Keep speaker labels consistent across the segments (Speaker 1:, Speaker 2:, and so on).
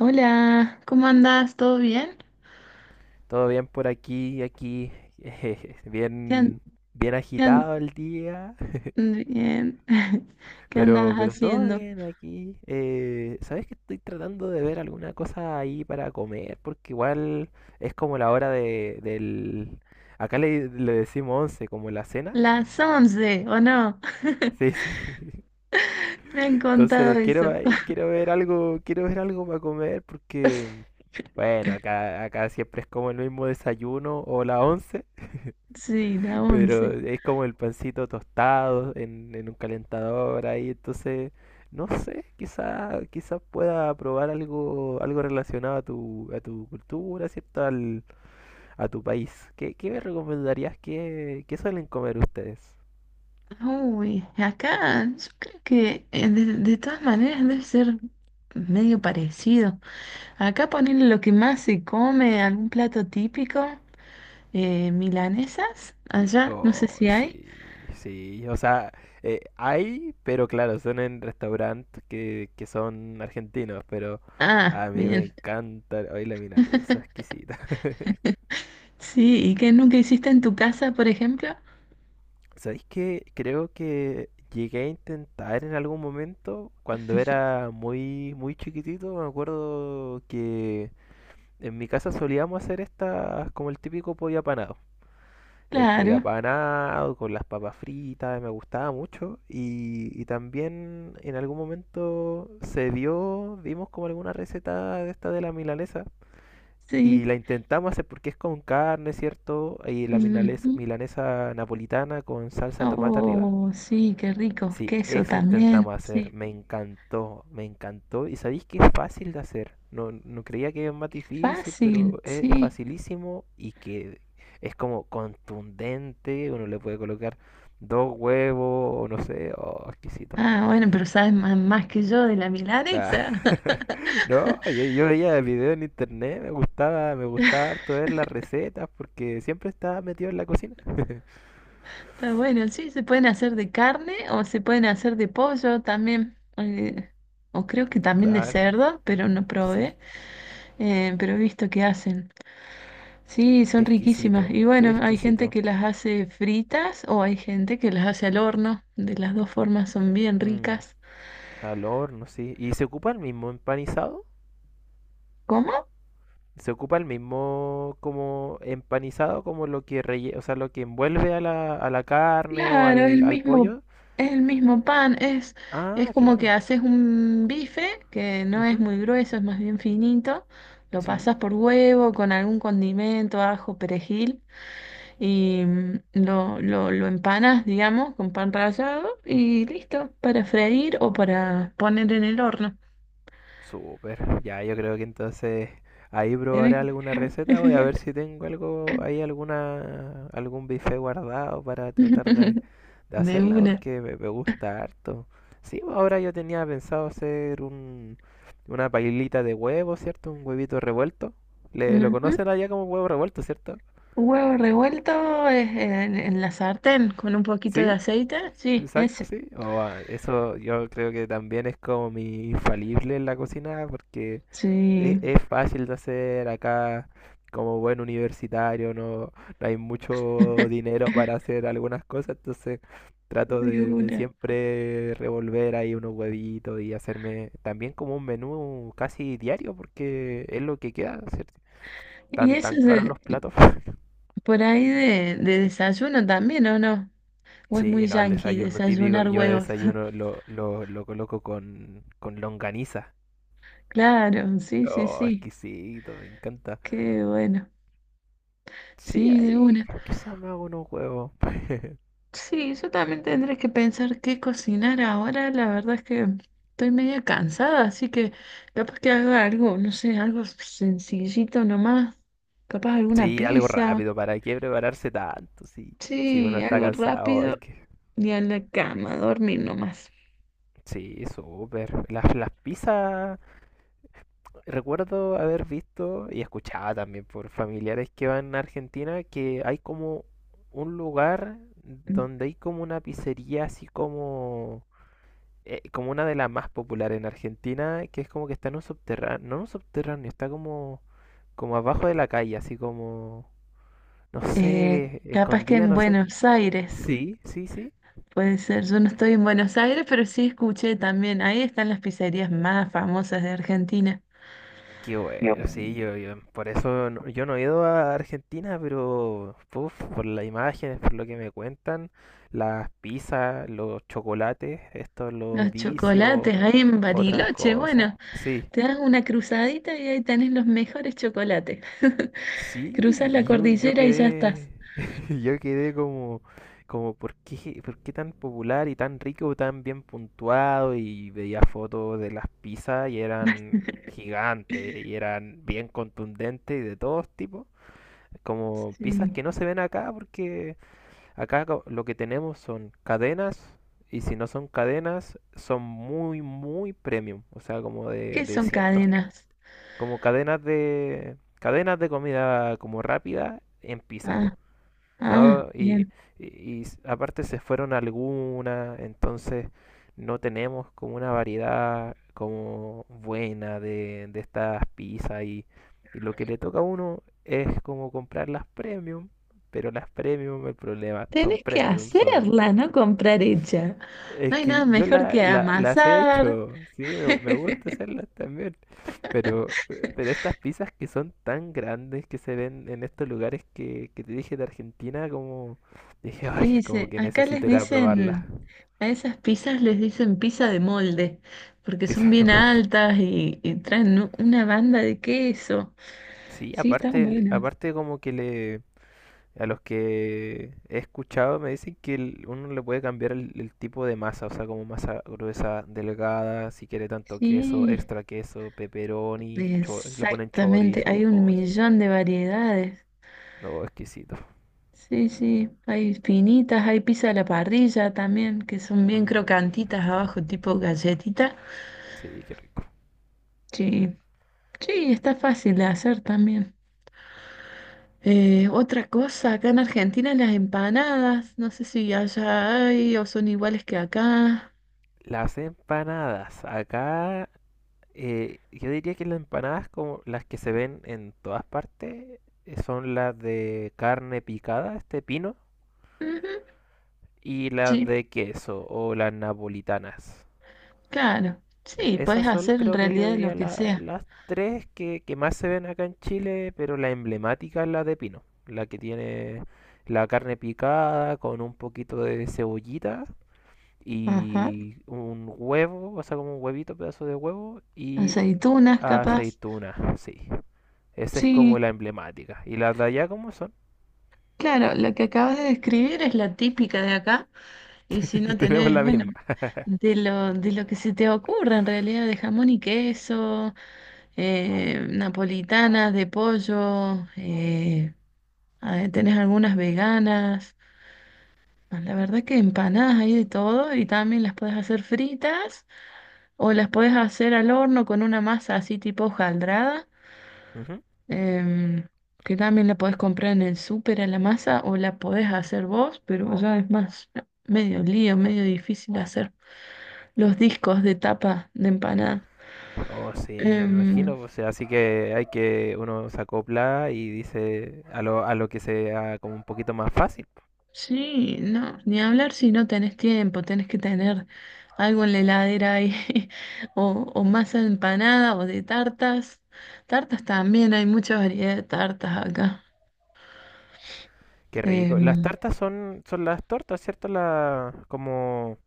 Speaker 1: Hola, ¿cómo andás? ¿Todo bien?
Speaker 2: Todo bien por aquí,
Speaker 1: ¿Qué, an-
Speaker 2: bien, bien
Speaker 1: qué an-
Speaker 2: agitado el día,
Speaker 1: bien. ¿Qué andabas
Speaker 2: pero todo
Speaker 1: haciendo?
Speaker 2: bien aquí. ¿Sabes que estoy tratando de ver alguna cosa ahí para comer? Porque igual es como la hora del... Acá le decimos 11 como la cena.
Speaker 1: Las 11 ¿o no?
Speaker 2: Sí, sí.
Speaker 1: Me han contado
Speaker 2: Entonces quiero
Speaker 1: eso.
Speaker 2: ahí, quiero ver algo para comer porque, bueno, acá siempre es como el mismo desayuno o la 11.
Speaker 1: Sí, la
Speaker 2: Pero
Speaker 1: once.
Speaker 2: es como el pancito tostado en un calentador ahí, entonces, no sé, quizá pueda probar algo relacionado a a tu cultura, ¿cierto? Al, a tu país. ¿Qué me recomendarías? ¿Qué suelen comer ustedes?
Speaker 1: Uy, acá yo creo que de todas maneras debe ser medio parecido. Acá ponerle lo que más se come, algún plato típico, milanesas, allá, no sé
Speaker 2: No
Speaker 1: si hay.
Speaker 2: sí, sí, o sea, hay, pero claro, son en restaurantes que son argentinos, pero a
Speaker 1: Ah,
Speaker 2: mí me
Speaker 1: bien.
Speaker 2: encanta, hoy la milanesa, exquisita.
Speaker 1: Sí, ¿y qué nunca hiciste en tu casa, por ejemplo?
Speaker 2: ¿Sabéis qué? Creo que llegué a intentar en algún momento, cuando era muy chiquitito, me acuerdo que en mi casa solíamos hacer estas como el típico pollo apanado. El pollo
Speaker 1: Claro,
Speaker 2: apanado con las papas fritas, me gustaba mucho. Y también en algún momento se vimos como alguna receta de esta de la milanesa. Y
Speaker 1: sí.
Speaker 2: la intentamos hacer porque es con carne, ¿cierto? Y la
Speaker 1: Ujú.
Speaker 2: milanesa napolitana con salsa de tomate arriba.
Speaker 1: Oh, sí, qué rico.
Speaker 2: Sí,
Speaker 1: Queso
Speaker 2: esa
Speaker 1: también,
Speaker 2: intentamos hacer.
Speaker 1: sí.
Speaker 2: Me encantó, me encantó. Y sabéis que es fácil de hacer. No creía que es más
Speaker 1: Qué
Speaker 2: difícil,
Speaker 1: fácil,
Speaker 2: pero es
Speaker 1: sí.
Speaker 2: facilísimo y que es como contundente. Uno le puede colocar dos huevos o no sé. Oh, exquisito.
Speaker 1: Ah, bueno, pero sabes más, más que yo de la
Speaker 2: Ah,
Speaker 1: milanesa.
Speaker 2: No, yo veía videos en internet, me gustaba harto ver las recetas porque siempre estaba metido en la cocina.
Speaker 1: Está bueno, sí, se pueden hacer de carne o se pueden hacer de pollo también. O creo que también de
Speaker 2: Claro,
Speaker 1: cerdo, pero no
Speaker 2: sí,
Speaker 1: probé. Pero he visto que hacen. Sí, son
Speaker 2: qué
Speaker 1: riquísimas.
Speaker 2: exquisito,
Speaker 1: Y
Speaker 2: qué
Speaker 1: bueno, hay gente
Speaker 2: exquisito.
Speaker 1: que las hace fritas o hay gente que las hace al horno. De las dos formas son bien
Speaker 2: Mm.
Speaker 1: ricas.
Speaker 2: Al horno, sí. ¿Y se ocupa el mismo empanizado?
Speaker 1: ¿Cómo?
Speaker 2: ¿Se ocupa el mismo como empanizado como lo que o sea, lo que envuelve a a la carne o
Speaker 1: Claro,
Speaker 2: al pollo?
Speaker 1: es el mismo pan, es
Speaker 2: Ah,
Speaker 1: como que
Speaker 2: claro.
Speaker 1: haces un bife que no es
Speaker 2: Ujú,
Speaker 1: muy grueso, es más bien finito, lo
Speaker 2: Sí,
Speaker 1: pasas por huevo con algún condimento, ajo, perejil y lo empanas, digamos, con pan rallado y listo, para freír o para poner en el horno.
Speaker 2: súper. Ya, yo creo que entonces ahí probaré
Speaker 1: Tenés-
Speaker 2: alguna receta. Voy a ver si tengo algo ahí, alguna, algún bife guardado para tratar de
Speaker 1: De
Speaker 2: hacerla
Speaker 1: una.
Speaker 2: porque me gusta harto. Sí, pues, ahora yo tenía pensado hacer un, una pailita de huevo, ¿cierto? Un huevito revuelto. Lo
Speaker 1: Ujú.
Speaker 2: conocen allá como huevo revuelto, ¿cierto?
Speaker 1: Huevo revuelto es en la sartén con un poquito de
Speaker 2: Sí.
Speaker 1: aceite, sí,
Speaker 2: Exacto,
Speaker 1: ese,
Speaker 2: sí. O, ah, eso yo creo que también es como mi infalible en la cocina porque
Speaker 1: sí.
Speaker 2: es fácil de hacer acá como buen universitario, no hay mucho dinero para hacer algunas cosas, entonces trato
Speaker 1: De
Speaker 2: de
Speaker 1: una.
Speaker 2: siempre revolver ahí unos huevitos y hacerme también como un menú casi diario porque es lo que queda, ¿cierto?
Speaker 1: ¿Y
Speaker 2: Tan,
Speaker 1: eso
Speaker 2: tan
Speaker 1: es
Speaker 2: caros
Speaker 1: de-
Speaker 2: los platos.
Speaker 1: por ahí de desayuno también, o no? ¿O es muy
Speaker 2: Sí, no, el
Speaker 1: yanqui
Speaker 2: desayuno típico.
Speaker 1: desayunar
Speaker 2: Yo de
Speaker 1: huevos?
Speaker 2: desayuno lo coloco con longaniza.
Speaker 1: Claro, sí, sí,
Speaker 2: Oh,
Speaker 1: sí.
Speaker 2: exquisito, me encanta.
Speaker 1: Qué bueno.
Speaker 2: Sí,
Speaker 1: Sí, de
Speaker 2: ahí
Speaker 1: una.
Speaker 2: quizás me hago unos huevos.
Speaker 1: Sí, yo también tendré que pensar qué cocinar ahora. La verdad es que estoy media cansada, así que capaz que haga algo, no sé, algo sencillito nomás. Capaz alguna
Speaker 2: Sí, algo
Speaker 1: pizza.
Speaker 2: rápido, ¿para qué prepararse tanto? Sí, si uno
Speaker 1: Sí,
Speaker 2: está
Speaker 1: algo
Speaker 2: cansado, es
Speaker 1: rápido.
Speaker 2: que...
Speaker 1: Y a la cama, a dormir nomás.
Speaker 2: Sí, súper. Las pizzas, recuerdo haber visto y escuchaba también por familiares que van a Argentina que hay como un lugar donde hay como una pizzería así como como una de las más populares en Argentina, que es como que está en un subterráneo, no en un subterráneo, está como, como abajo de la calle, así como, no
Speaker 1: Eh,
Speaker 2: sé,
Speaker 1: Capaz que
Speaker 2: escondida,
Speaker 1: en
Speaker 2: no sé.
Speaker 1: Buenos Aires,
Speaker 2: Sí, sí, sí.
Speaker 1: puede ser. Yo no estoy en Buenos Aires, pero sí escuché también. Ahí están las pizzerías más famosas de Argentina.
Speaker 2: Qué
Speaker 1: No.
Speaker 2: bueno, sí, por eso yo no he ido a Argentina, pero puf, por las imágenes, por lo que me cuentan, las pizzas, los chocolates, estos, los
Speaker 1: Los
Speaker 2: vicios,
Speaker 1: chocolates ahí en
Speaker 2: otras
Speaker 1: Bariloche.
Speaker 2: cosas.
Speaker 1: Bueno,
Speaker 2: Sí,
Speaker 1: te das una cruzadita y ahí tenés los mejores chocolates.
Speaker 2: Sí,
Speaker 1: Cruzas la
Speaker 2: y yo
Speaker 1: cordillera y ya
Speaker 2: quedé,
Speaker 1: estás.
Speaker 2: yo quedé como, como ¿por qué tan popular y tan rico, tan bien puntuado? Y veía fotos de las pizzas y eran gigantes y eran bien contundentes y de todos tipos. Como pizzas
Speaker 1: Sí.
Speaker 2: que no se ven acá porque acá lo que tenemos son cadenas y si no son cadenas son muy premium, o sea, como
Speaker 1: ¿Qué
Speaker 2: de
Speaker 1: son
Speaker 2: cierto
Speaker 1: cadenas?
Speaker 2: como cadenas de comida como rápida en pizza,
Speaker 1: Ah, ah,
Speaker 2: ¿no?
Speaker 1: bien.
Speaker 2: Y aparte se fueron algunas, entonces no tenemos como una variedad como buena de estas pizzas y lo que le toca a uno es como comprar las premium, pero las premium, el problema son
Speaker 1: Tenés que
Speaker 2: premium, son
Speaker 1: hacerla, no comprar hecha.
Speaker 2: es
Speaker 1: No hay nada
Speaker 2: que yo
Speaker 1: mejor que
Speaker 2: las he
Speaker 1: amasar.
Speaker 2: hecho, sí, me gusta hacerlas también, pero estas pizzas que son tan grandes que se ven en estos lugares que te dije de Argentina, como dije, ay,
Speaker 1: Sí,
Speaker 2: como
Speaker 1: sí,
Speaker 2: que
Speaker 1: acá les
Speaker 2: necesito ir a
Speaker 1: dicen,
Speaker 2: probarlas.
Speaker 1: a esas pizzas les dicen pizza de molde, porque son
Speaker 2: Pizza de
Speaker 1: bien
Speaker 2: Marley.
Speaker 1: altas y traen u- una banda de queso.
Speaker 2: Sí,
Speaker 1: Sí, están
Speaker 2: aparte,
Speaker 1: buenas.
Speaker 2: aparte como que le, A los que he escuchado me dicen que uno le puede cambiar el tipo de masa, o sea, como masa gruesa, delgada, si quiere tanto queso,
Speaker 1: Sí,
Speaker 2: extra queso, pepperoni, le ponen
Speaker 1: exactamente, hay
Speaker 2: chorizo.
Speaker 1: un
Speaker 2: ¡Ay,
Speaker 1: millón de variedades.
Speaker 2: no, exquisito.
Speaker 1: Sí, sí, hay finitas, hay pizza a la parrilla también, que son bien
Speaker 2: Mm,
Speaker 1: crocantitas abajo, tipo galletita.
Speaker 2: sí, qué rico.
Speaker 1: Sí, sí, está fácil de hacer también. Otra cosa, acá en Argentina las empanadas, no sé si allá hay o son iguales que acá.
Speaker 2: Las empanadas. Acá yo diría que las empanadas como las que se ven en todas partes son las de carne picada, este pino,
Speaker 1: Ujú.
Speaker 2: y las
Speaker 1: Sí,
Speaker 2: de queso o las napolitanas.
Speaker 1: claro. Sí, puedes
Speaker 2: Esas son,
Speaker 1: hacer en
Speaker 2: creo que yo
Speaker 1: realidad lo
Speaker 2: diría,
Speaker 1: que sea.
Speaker 2: las tres que más se ven acá en Chile, pero la emblemática es la de pino, la que tiene la carne picada con un poquito de cebollita
Speaker 1: Ajá.
Speaker 2: y un huevo, o sea, como un huevito, pedazo de huevo y
Speaker 1: Aceitunas, capaz.
Speaker 2: aceituna, sí. Esa es
Speaker 1: Sí,
Speaker 2: como la emblemática. ¿Y las de allá cómo son?
Speaker 1: claro, lo que acabas de describir es la típica de acá. Y si no
Speaker 2: Tenemos
Speaker 1: tenés,
Speaker 2: la
Speaker 1: bueno,
Speaker 2: misma.
Speaker 1: de lo que se te ocurra en realidad, de jamón y queso, napolitanas de pollo, ah, tenés algunas veganas. Ah, la verdad que empanadas hay de todo y también las puedes hacer fritas o las puedes hacer al horno con una masa así tipo hojaldrada,
Speaker 2: Ujú.
Speaker 1: em, que también la podés comprar en el súper a la masa o la podés hacer vos, pero ya es más medio lío, medio difícil hacer los discos de tapa de empanada.
Speaker 2: Oh, sí, me
Speaker 1: Em,
Speaker 2: imagino, o sea, así que hay que uno se acopla y dice a a lo que sea como un poquito más fácil.
Speaker 1: Sí, no, ni hablar si no tenés tiempo, tenés que tener algo en la heladera ahí, o masa de empanada o de tartas. Tartas también, hay mucha variedad de tartas acá.
Speaker 2: Qué rico. Las
Speaker 1: Em,
Speaker 2: tartas son las tortas, ¿cierto? La, como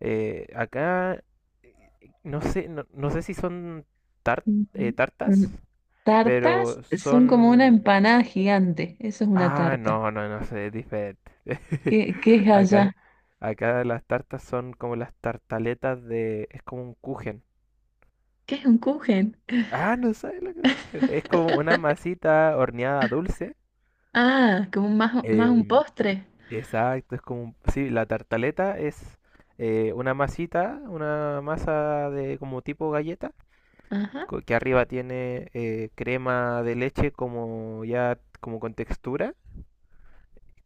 Speaker 2: acá, eh, no sé, no sé si son tar-
Speaker 1: Ujú.
Speaker 2: tartas,
Speaker 1: mm, Tartas
Speaker 2: pero
Speaker 1: son como una
Speaker 2: son...
Speaker 1: empanada gigante, eso es una
Speaker 2: Ah,
Speaker 1: tarta.
Speaker 2: no sé, es diferente.
Speaker 1: ¿Qué, qué es
Speaker 2: Acá,
Speaker 1: allá?
Speaker 2: acá las tartas son como las tartaletas de... Es como un kuchen.
Speaker 1: ¿Qué es un kuchen?
Speaker 2: Ah, no sabes lo que es cujera. Es como una masita horneada dulce.
Speaker 1: Ah, como más, más un
Speaker 2: em,
Speaker 1: postre.
Speaker 2: exacto, es como... Sí, la tartaleta es una masita, una masa de como tipo galleta,
Speaker 1: Ajá,
Speaker 2: que arriba tiene crema de leche como ya como con textura,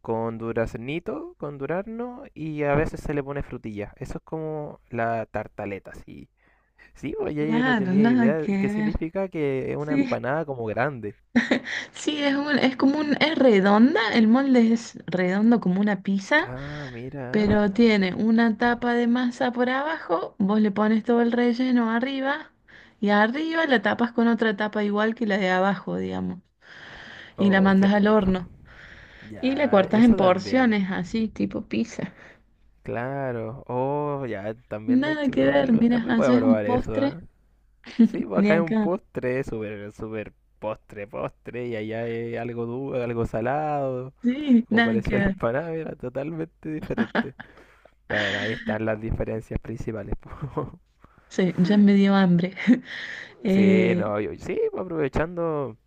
Speaker 2: con duraznito, con durazno y a veces se le pone frutilla. Eso es como la tartaleta, sí. Sí, oye, yo no
Speaker 1: claro,
Speaker 2: tenía
Speaker 1: nada
Speaker 2: idea.
Speaker 1: que
Speaker 2: ¿Qué
Speaker 1: ver.
Speaker 2: significa que es una
Speaker 1: Sí.
Speaker 2: empanada como grande?
Speaker 1: Sí, es un- es como un, es redonda, el molde es redondo como una pizza,
Speaker 2: Ah, mira.
Speaker 1: pero tiene una tapa de masa por abajo, vos le pones todo el relleno arriba y arriba la tapas con otra tapa igual que la de abajo, digamos, y la
Speaker 2: Oh, qué
Speaker 1: mandas al
Speaker 2: rico.
Speaker 1: horno y la
Speaker 2: Ya,
Speaker 1: cortas en
Speaker 2: eso
Speaker 1: porciones,
Speaker 2: también.
Speaker 1: así, tipo pizza.
Speaker 2: Claro. Oh, ya, también hay
Speaker 1: Nada
Speaker 2: que
Speaker 1: que ver,
Speaker 2: probarlo.
Speaker 1: mira,
Speaker 2: También voy a
Speaker 1: haces un
Speaker 2: probar eso,
Speaker 1: postre
Speaker 2: ¿ah? Sí, pues
Speaker 1: de
Speaker 2: acá es un
Speaker 1: acá.
Speaker 2: postre, súper, súper postre, postre, y allá es algo duro, algo salado,
Speaker 1: Sí,
Speaker 2: como
Speaker 1: nada que
Speaker 2: parecía la
Speaker 1: ver.
Speaker 2: empanada, era totalmente diferente. Bueno, ahí están las diferencias principales. Po.
Speaker 1: Sí, ya me dio hambre.
Speaker 2: Sí,
Speaker 1: Eh,
Speaker 2: no, sí, pues aprovechando.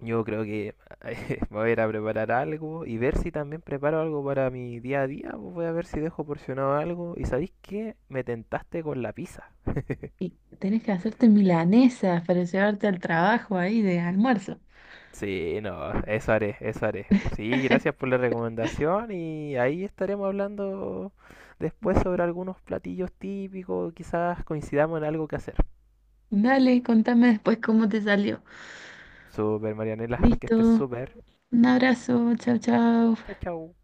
Speaker 2: Yo creo que voy a ir a preparar algo y ver si también preparo algo para mi día a día. Pues, Voy a ver si dejo porcionado algo. ¿Y sabéis qué? Me tentaste con la pizza.
Speaker 1: y tenés que hacerte milanesas para llevarte al trabajo ahí de almuerzo.
Speaker 2: Sí, no, eso haré, eso haré. Sí, gracias por la recomendación y ahí estaremos hablando después sobre algunos platillos típicos. Quizás coincidamos en algo que hacer.
Speaker 1: Dale, contame después cómo te salió.
Speaker 2: Super Marianela, que estés
Speaker 1: Listo,
Speaker 2: súper.
Speaker 1: un abrazo, chao, chao.
Speaker 2: Chao, chao.